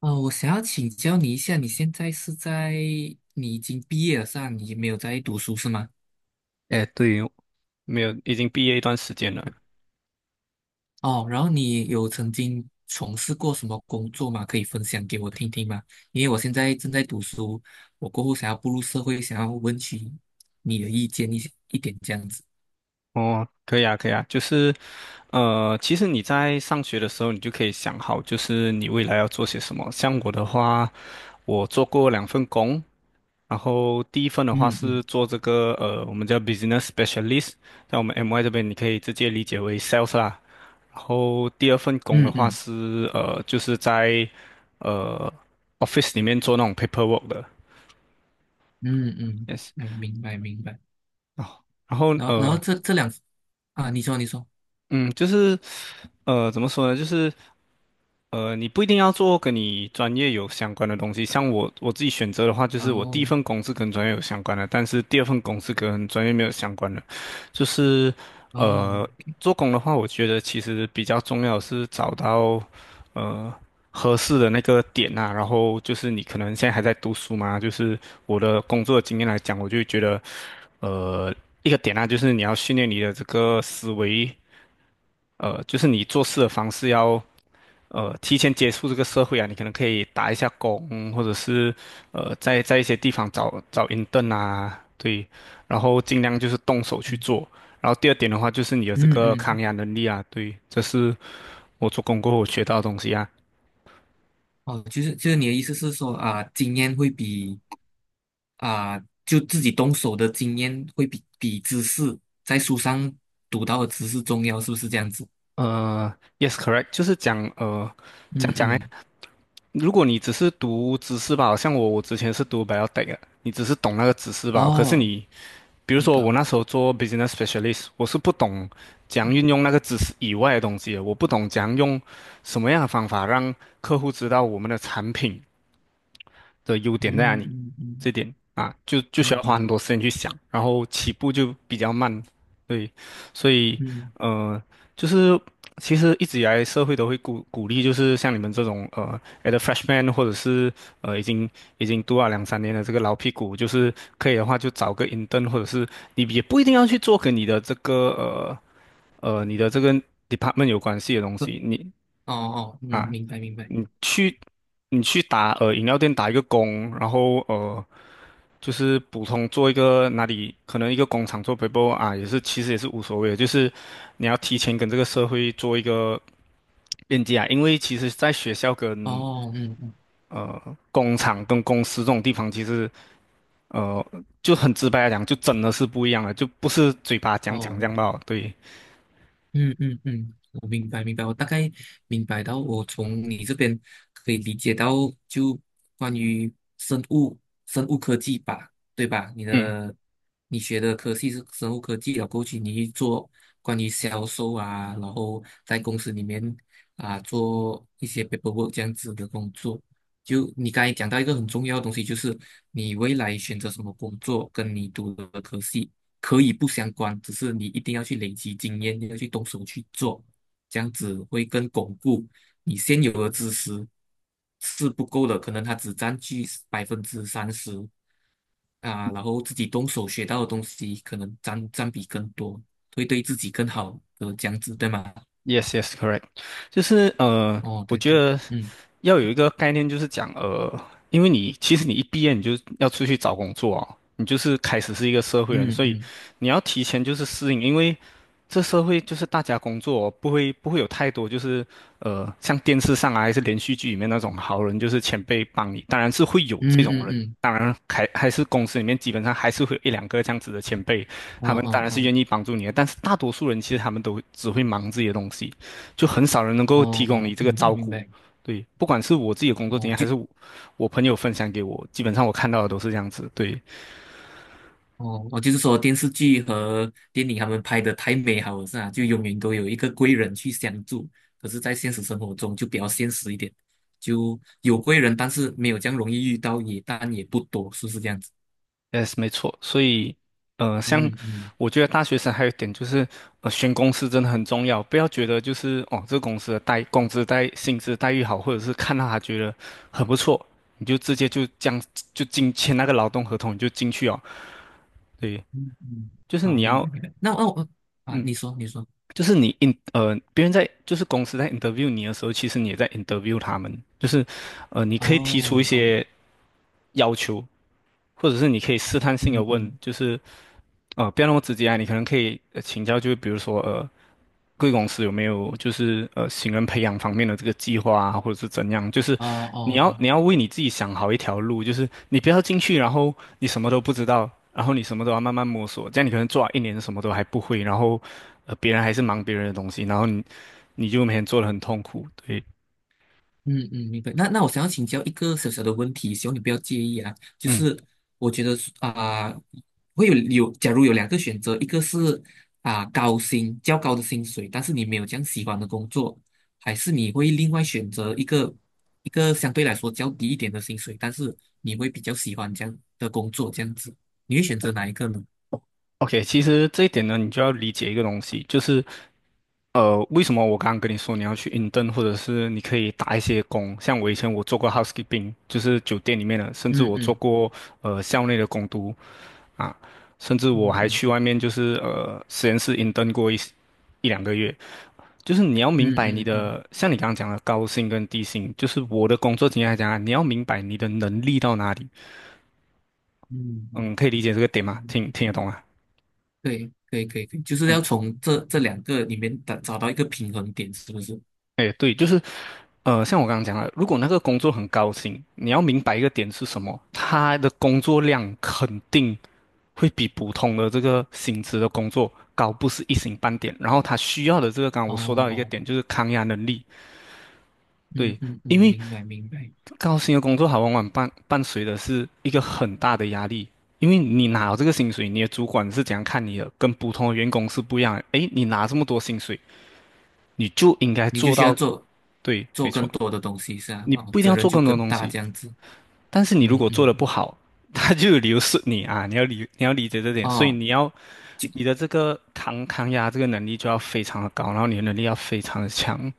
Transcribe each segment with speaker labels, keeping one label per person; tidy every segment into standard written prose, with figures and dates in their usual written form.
Speaker 1: 哦，我想要请教你一下，你现在是在，你已经毕业了是吧？你没有在读书是吗？
Speaker 2: 哎，对，没有，已经毕业一段时间了。
Speaker 1: 哦，然后你有曾经从事过什么工作吗？可以分享给我听听吗？因为我现在正在读书，我过后想要步入社会，想要问起你的意见一些一点这样子。
Speaker 2: 哦，可以啊，可以啊，就是，其实你在上学的时候，你就可以想好，就是你未来要做些什么。像我的话，我做过两份工，然后第一份的话
Speaker 1: 嗯嗯
Speaker 2: 是做这个，我们叫 business specialist，在我们 MY 这边，你可以直接理解为 sales 啦。然后第二份工的
Speaker 1: 嗯
Speaker 2: 话
Speaker 1: 嗯
Speaker 2: 是，就是在，呃，office 里面做那种 paperwork 的
Speaker 1: 嗯嗯，
Speaker 2: ，yes。
Speaker 1: 嗯，明白明白。
Speaker 2: 哦，然后
Speaker 1: 然后这两啊，你说你说，
Speaker 2: 嗯，就是，怎么说呢？就是，你不一定要做跟你专业有相关的东西。像我自己选择的话，就是我第一
Speaker 1: 哦
Speaker 2: 份工是跟专业有相关的，但是第二份工是跟专业没有相关的。就是，
Speaker 1: 哦，
Speaker 2: 呃，做工的话，我觉得其实比较重要的是找到，呃，合适的那个点啊。然后就是你可能现在还在读书嘛，就是我的工作经验来讲，我就觉得，呃，一个点啊，就是你要训练你的这个思维。就是你做事的方式要提前接触这个社会啊，你可能可以打一下工，或者是在一些地方找找 intern 啊，对，然后尽量就是动手去
Speaker 1: 嗯
Speaker 2: 做。然后第二点的话，就是你有这
Speaker 1: 嗯
Speaker 2: 个抗
Speaker 1: 嗯
Speaker 2: 压能力啊，对，这是我做工过后我学到的东西啊。
Speaker 1: 哦，就是你的意思是说啊，经验会比啊，就自己动手的经验会比知识在书上读到的知识重要，是不是这样子？
Speaker 2: 呃，yes correct，就是讲呃讲
Speaker 1: 嗯
Speaker 2: 讲哎，
Speaker 1: 嗯，
Speaker 2: 如果你只是读知识吧，好像我之前是读 biotech 的，你只是懂那个知识吧，可是
Speaker 1: 哦，
Speaker 2: 你比如
Speaker 1: 好
Speaker 2: 说我
Speaker 1: 的，
Speaker 2: 那时候做 business specialist，我是不懂怎样运用那个知识以外的东西的，我不懂怎样用什么样的方法让客户知道我们的产品的优点在哪
Speaker 1: 嗯
Speaker 2: 里，
Speaker 1: 嗯嗯
Speaker 2: 这点啊，就需要花
Speaker 1: 嗯
Speaker 2: 很多时间去想，然后起步就比较慢，对，所以
Speaker 1: 嗯，
Speaker 2: 呃，就是其实一直以来社会都会鼓励，就是像你们这种at a freshman 或者是已经读了两三年的这个老屁股，就是可以的话就找个 intern，或者是你也不一定要去做跟你的这个你的这个 department 有关系的东
Speaker 1: 呃
Speaker 2: 西，你
Speaker 1: 哦哦，嗯，
Speaker 2: 啊，
Speaker 1: 明白明白，
Speaker 2: 你去你去打饮料店打一个工，然后就是普通做一个哪里可能一个工厂做 paper 啊，也是其实也是无所谓的，就是你要提前跟这个社会做一个链接啊，因为其实在学校跟
Speaker 1: 哦嗯嗯
Speaker 2: 呃工厂跟公司这种地方，其实呃就很直白来讲，就真的是不一样了，就不是嘴巴讲讲这
Speaker 1: 哦，
Speaker 2: 样吧，对，
Speaker 1: 嗯嗯嗯，我明白明白，我大概明白到，我从你这边可以理解到，就关于生物生物科技吧，对吧？
Speaker 2: 嗯
Speaker 1: 你学的科系是生物科技，了，过去你去做关于销售啊，然后在公司里面啊做一些 paperwork 这样子的工作。就你刚才讲到一个很重要的东西，就是你未来选择什么工作，跟你读的科系。可以不相关，只是你一定要去累积经验，你要去动手去做，这样子会更巩固你现有的知识是不够的，可能它只占据百分之三十啊，然后自己动手学到的东西可能占比更多，会对自己更好的这样子，对吗？
Speaker 2: Yes, yes, correct，就是
Speaker 1: 哦，
Speaker 2: 我
Speaker 1: 对
Speaker 2: 觉
Speaker 1: 对，
Speaker 2: 得
Speaker 1: 嗯
Speaker 2: 要有一个概念，就是讲因为你其实你一毕业你就要出去找工作哦，你就是开始是一个社会人，
Speaker 1: 嗯
Speaker 2: 所以
Speaker 1: 嗯
Speaker 2: 你要提前就是适应，因为这社会就是大家工作哦不会有太多就是像电视上啊还是连续剧里面那种好人就是前辈帮你，当然是会有
Speaker 1: 嗯
Speaker 2: 这种
Speaker 1: 嗯
Speaker 2: 人，
Speaker 1: 嗯，
Speaker 2: 当然还是公司里面基本上还是会有一两个这样子的前辈，
Speaker 1: 哦
Speaker 2: 他们当
Speaker 1: 哦
Speaker 2: 然是
Speaker 1: 哦
Speaker 2: 愿意帮助你的，但是大多数人其实他们都只会忙自己的东西，就很少人能
Speaker 1: 哦
Speaker 2: 够提供你
Speaker 1: 哦，
Speaker 2: 这个
Speaker 1: 明白
Speaker 2: 照
Speaker 1: 明
Speaker 2: 顾。
Speaker 1: 白，
Speaker 2: 对，不管是我自己的工作经
Speaker 1: 哦
Speaker 2: 验，还
Speaker 1: 就
Speaker 2: 是我朋友分享给我，基本上我看到的都是这样子。对
Speaker 1: 哦，我就是说电视剧和电影他们拍的太美好了，是啊，就永远都有一个贵人去相助。可是，在现实生活中就比较现实一点，就有贵人，但是没有这样容易遇到，也但也不多，是不是这样子？
Speaker 2: ，yes，没错。所以，像
Speaker 1: 嗯嗯
Speaker 2: 我觉得大学生还有一点就是，选公司真的很重要，不要觉得就是哦，这个公司的待工资待薪资待遇好，或者是看到他觉得很不错，你就直接就这样就签那个劳动合同，你就进去哦。对，
Speaker 1: 嗯嗯，
Speaker 2: 就是
Speaker 1: 好，
Speaker 2: 你
Speaker 1: 明白
Speaker 2: 要。
Speaker 1: 明白。那哦哦啊，
Speaker 2: 嗯，
Speaker 1: 你说你说，
Speaker 2: 就是你 别人在就是公司在 interview 你的时候，其实你也在 interview 他们，就是你可以提出一
Speaker 1: 哦哦，
Speaker 2: 些要求，或者是你可以试探性的
Speaker 1: 嗯
Speaker 2: 问，
Speaker 1: 嗯，
Speaker 2: 就是不要那么直接啊，你可能可以请教，就是比如说贵公司有没有就是新人培养方面的这个计划啊，或者是怎样，就是
Speaker 1: 哦哦
Speaker 2: 你要为你自己想好一条路，就是你不要进去，然后你什么都不知道，然后你什么都要慢慢摸索，这样你可能做了一年什么都还不会，然后。别人还是忙别人的东西，然后你就每天做的很痛苦。对，
Speaker 1: 嗯嗯，明白。那我想要请教一个小小的问题，希望你不要介意啊。就
Speaker 2: 嗯
Speaker 1: 是我觉得啊、会有，假如有两个选择，一个是啊、高薪较高的薪水，但是你没有这样喜欢的工作，还是你会另外选择一个相对来说较低一点的薪水，但是你会比较喜欢这样的工作，这样子，你会选择哪一个呢？
Speaker 2: ，OK，其实这一点呢，你就要理解一个东西，就是为什么我刚刚跟你说你要去 intern，或者是你可以打一些工，像我以前我做过 housekeeping，就是酒店里面的，甚至
Speaker 1: 嗯
Speaker 2: 我做
Speaker 1: 嗯
Speaker 2: 过校内的工读啊，甚至我
Speaker 1: 嗯
Speaker 2: 还
Speaker 1: 嗯
Speaker 2: 去外面就是实验室 intern 过一两个月。就是你要明
Speaker 1: 嗯
Speaker 2: 白你
Speaker 1: 嗯嗯嗯
Speaker 2: 的，像你刚刚讲的高薪跟低薪，就是我的工作经验来讲啊，你要明白你的能力到哪里。
Speaker 1: 嗯嗯。
Speaker 2: 嗯，可以理解这个点
Speaker 1: 嗯
Speaker 2: 吗？听
Speaker 1: 嗯
Speaker 2: 听得懂啊？
Speaker 1: 对，可以，可以，可以，就是要
Speaker 2: 嗯
Speaker 1: 从这两个里面找到一个平衡点，是不是？
Speaker 2: 哎，对，就是，像我刚刚讲了，如果那个工作很高薪，你要明白一个点是什么，他的工作量肯定会比普通的这个薪资的工作高，不是一星半点。然后他需要的这个，刚刚
Speaker 1: 哦
Speaker 2: 我说到一个
Speaker 1: 哦，
Speaker 2: 点，
Speaker 1: 哦
Speaker 2: 就是抗压能力。
Speaker 1: 嗯
Speaker 2: 对，
Speaker 1: 嗯嗯，
Speaker 2: 因为
Speaker 1: 明白明白，
Speaker 2: 高薪的工作，它往往伴随的是一个很大的压力。因为你拿了这个薪水，你的主管是怎样看你的，跟普通的员工是不一样的。诶，你拿这么多薪水，你就应该
Speaker 1: 你就
Speaker 2: 做
Speaker 1: 需要
Speaker 2: 到，
Speaker 1: 做
Speaker 2: 对，
Speaker 1: 做
Speaker 2: 没
Speaker 1: 更
Speaker 2: 错。
Speaker 1: 多的东西，是啊，
Speaker 2: 你
Speaker 1: 哦，
Speaker 2: 不一定
Speaker 1: 责
Speaker 2: 要
Speaker 1: 任
Speaker 2: 做
Speaker 1: 就
Speaker 2: 更多
Speaker 1: 更
Speaker 2: 东
Speaker 1: 大
Speaker 2: 西，
Speaker 1: 这样子，
Speaker 2: 但是你
Speaker 1: 嗯
Speaker 2: 如果做
Speaker 1: 嗯，
Speaker 2: 的不
Speaker 1: 嗯
Speaker 2: 好，他就有理由是你啊，你要理解这点，所以
Speaker 1: 哦，就
Speaker 2: 你的这个抗压这个能力就要非常的高，然后你的能力要非常的强，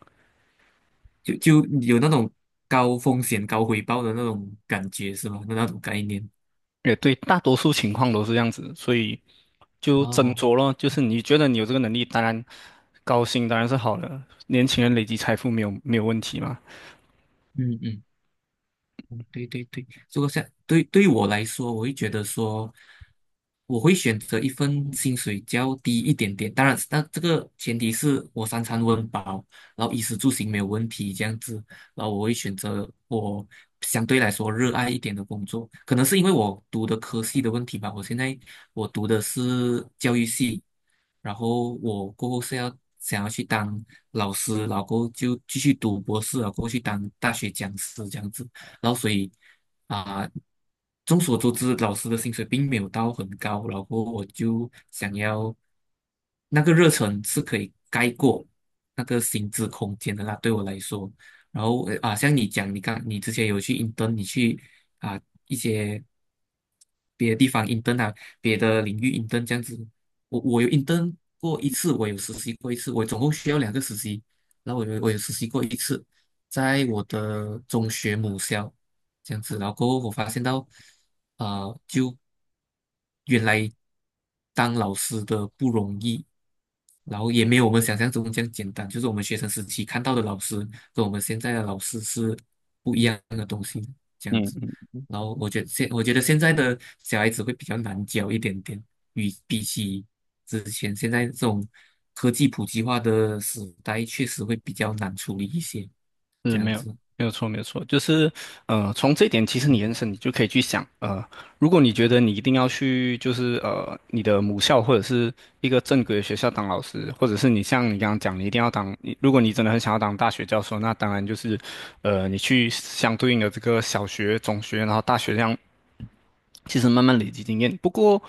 Speaker 1: 就有那种高风险高回报的那种感觉是吗？那种概念，
Speaker 2: 也对，大多数情况都是这样子，所以就斟
Speaker 1: 哦，
Speaker 2: 酌咯，就是你觉得你有这个能力，当然高薪当然是好的，年轻人累积财富没有问题嘛，
Speaker 1: 嗯嗯。嗯对对对，如果像对于我来说，我会觉得说，我会选择一份薪水较低一点点。当然，那这个前提是我三餐温饱，然后衣食住行没有问题这样子。然后我会选择我相对来说热爱一点的工作，可能是因为我读的科系的问题吧。我现在我读的是教育系，然后我过后想要去当老师，然后过后就继续读博士，然后过后去当大学讲师这样子。然后所以啊、众所周知，老师的薪水并没有到很高，然后我就想要那个热忱是可以盖过那个薪资空间的啦，对我来说。然后啊，像你讲，你之前有去 i n 啊一些别的地方 i n 啊，别的领域 i n 这样子。我有 i n 过一次，我有实习过一次，我总共需要两个实习，然后我有实习过一次。在我的中学母校这样子，然后过后我发现到，啊，就原来当老师的不容易，然后也没有我们想象中这样简单，就是我们学生时期看到的老师跟我们现在的老师是不一样的东西，这样子。
Speaker 2: 嗯
Speaker 1: 然后我觉得现在的小孩子会比较难教一点点，与比起之前现在这种科技普及化的时代，确实会比较难处理一些。
Speaker 2: 是
Speaker 1: 这样子。
Speaker 2: 没有错，就是从这一点其实你延伸，你就可以去想，如果你觉得你一定要去，就是你的母校或者是一个正规的学校当老师，或者是你像你刚刚讲，你一定要当，你如果你真的很想要当大学教授，那当然就是，你去相对应的这个小学、中学，然后大学这样其实慢慢累积经验。不过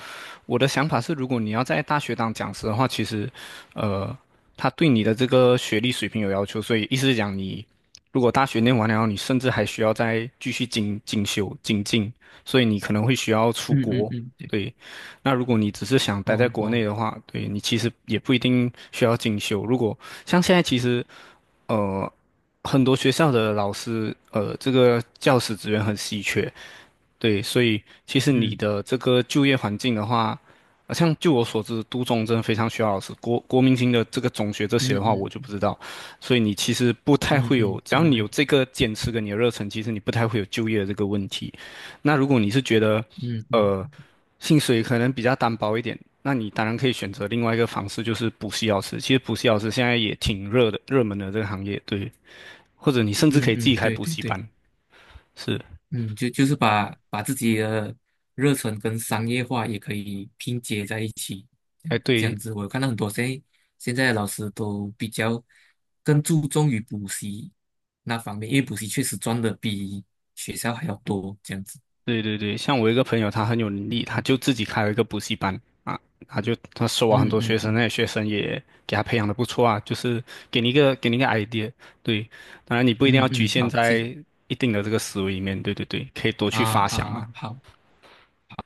Speaker 2: 我的想法是，如果你要在大学当讲师的话，其实，呃，他对你的这个学历水平有要求，所以意思是讲你。如果大学念完了，你甚至还需要再继续精进，所以你可能会需要出
Speaker 1: 嗯嗯
Speaker 2: 国。
Speaker 1: 嗯，对，
Speaker 2: 对，那如果你只是想待在
Speaker 1: 哦
Speaker 2: 国内
Speaker 1: 哦，
Speaker 2: 的话，对你其实也不一定需要进修。如果像现在，其实呃，很多学校的老师，这个教师资源很稀缺，对，所以其实你
Speaker 1: 嗯
Speaker 2: 的这个就业环境的话，像就我所知，都中真的非常需要老师。国民型的这个中学这些
Speaker 1: 嗯
Speaker 2: 的话，我就不
Speaker 1: 嗯
Speaker 2: 知道。所以你其实不太
Speaker 1: 嗯
Speaker 2: 会有，
Speaker 1: 嗯，
Speaker 2: 只要
Speaker 1: 明
Speaker 2: 你
Speaker 1: 白，
Speaker 2: 有这个坚持跟你的热忱，其实你不太会有就业的这个问题。那如果你是觉得，
Speaker 1: 嗯嗯
Speaker 2: 呃，薪水可能比较单薄一点，那你当然可以选择另外一个方式，就是补习老师。其实补习老师现在也挺热的，热门的这个行业，对。或者你甚至可
Speaker 1: 嗯
Speaker 2: 以自己
Speaker 1: 嗯，
Speaker 2: 开
Speaker 1: 对
Speaker 2: 补
Speaker 1: 对
Speaker 2: 习
Speaker 1: 对，
Speaker 2: 班，是。
Speaker 1: 嗯，就是把自己的热忱跟商业化也可以拼接在一起，这
Speaker 2: 哎，
Speaker 1: 样这
Speaker 2: 对，
Speaker 1: 样子，我有看到很多现在的老师都比较更注重于补习那方面，因为补习确实赚的比学校还要多，这样子，
Speaker 2: 对对对，像我一个朋友，他很有能力，
Speaker 1: 嗯
Speaker 2: 他
Speaker 1: 嗯
Speaker 2: 就自己开了一个补习班啊，他就他收啊
Speaker 1: 嗯
Speaker 2: 很多学
Speaker 1: 嗯
Speaker 2: 生，那
Speaker 1: 嗯
Speaker 2: 些学生也给他培养的不错啊，就是给你一个 idea，对，当然你不一定
Speaker 1: 嗯
Speaker 2: 要局
Speaker 1: 嗯，
Speaker 2: 限
Speaker 1: 好，
Speaker 2: 在一定的这个思维里面，对对对，可以多
Speaker 1: 啊
Speaker 2: 去发
Speaker 1: 啊
Speaker 2: 想嘛，
Speaker 1: 啊，好。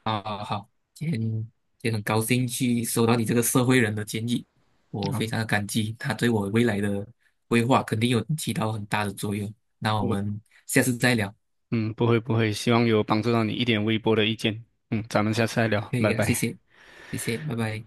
Speaker 1: 啊好好，今天也很高兴去收到你这个社会人的建议，我非
Speaker 2: 啊，
Speaker 1: 常的感激，他对我未来的规划肯定有起到很大的作用。那我
Speaker 2: 我
Speaker 1: 们下次再聊，
Speaker 2: 嗯不会，希望有帮助到你一点微薄的意见，嗯，咱们下次再聊，
Speaker 1: 可以
Speaker 2: 拜
Speaker 1: 啊，谢
Speaker 2: 拜。
Speaker 1: 谢，谢谢，拜拜。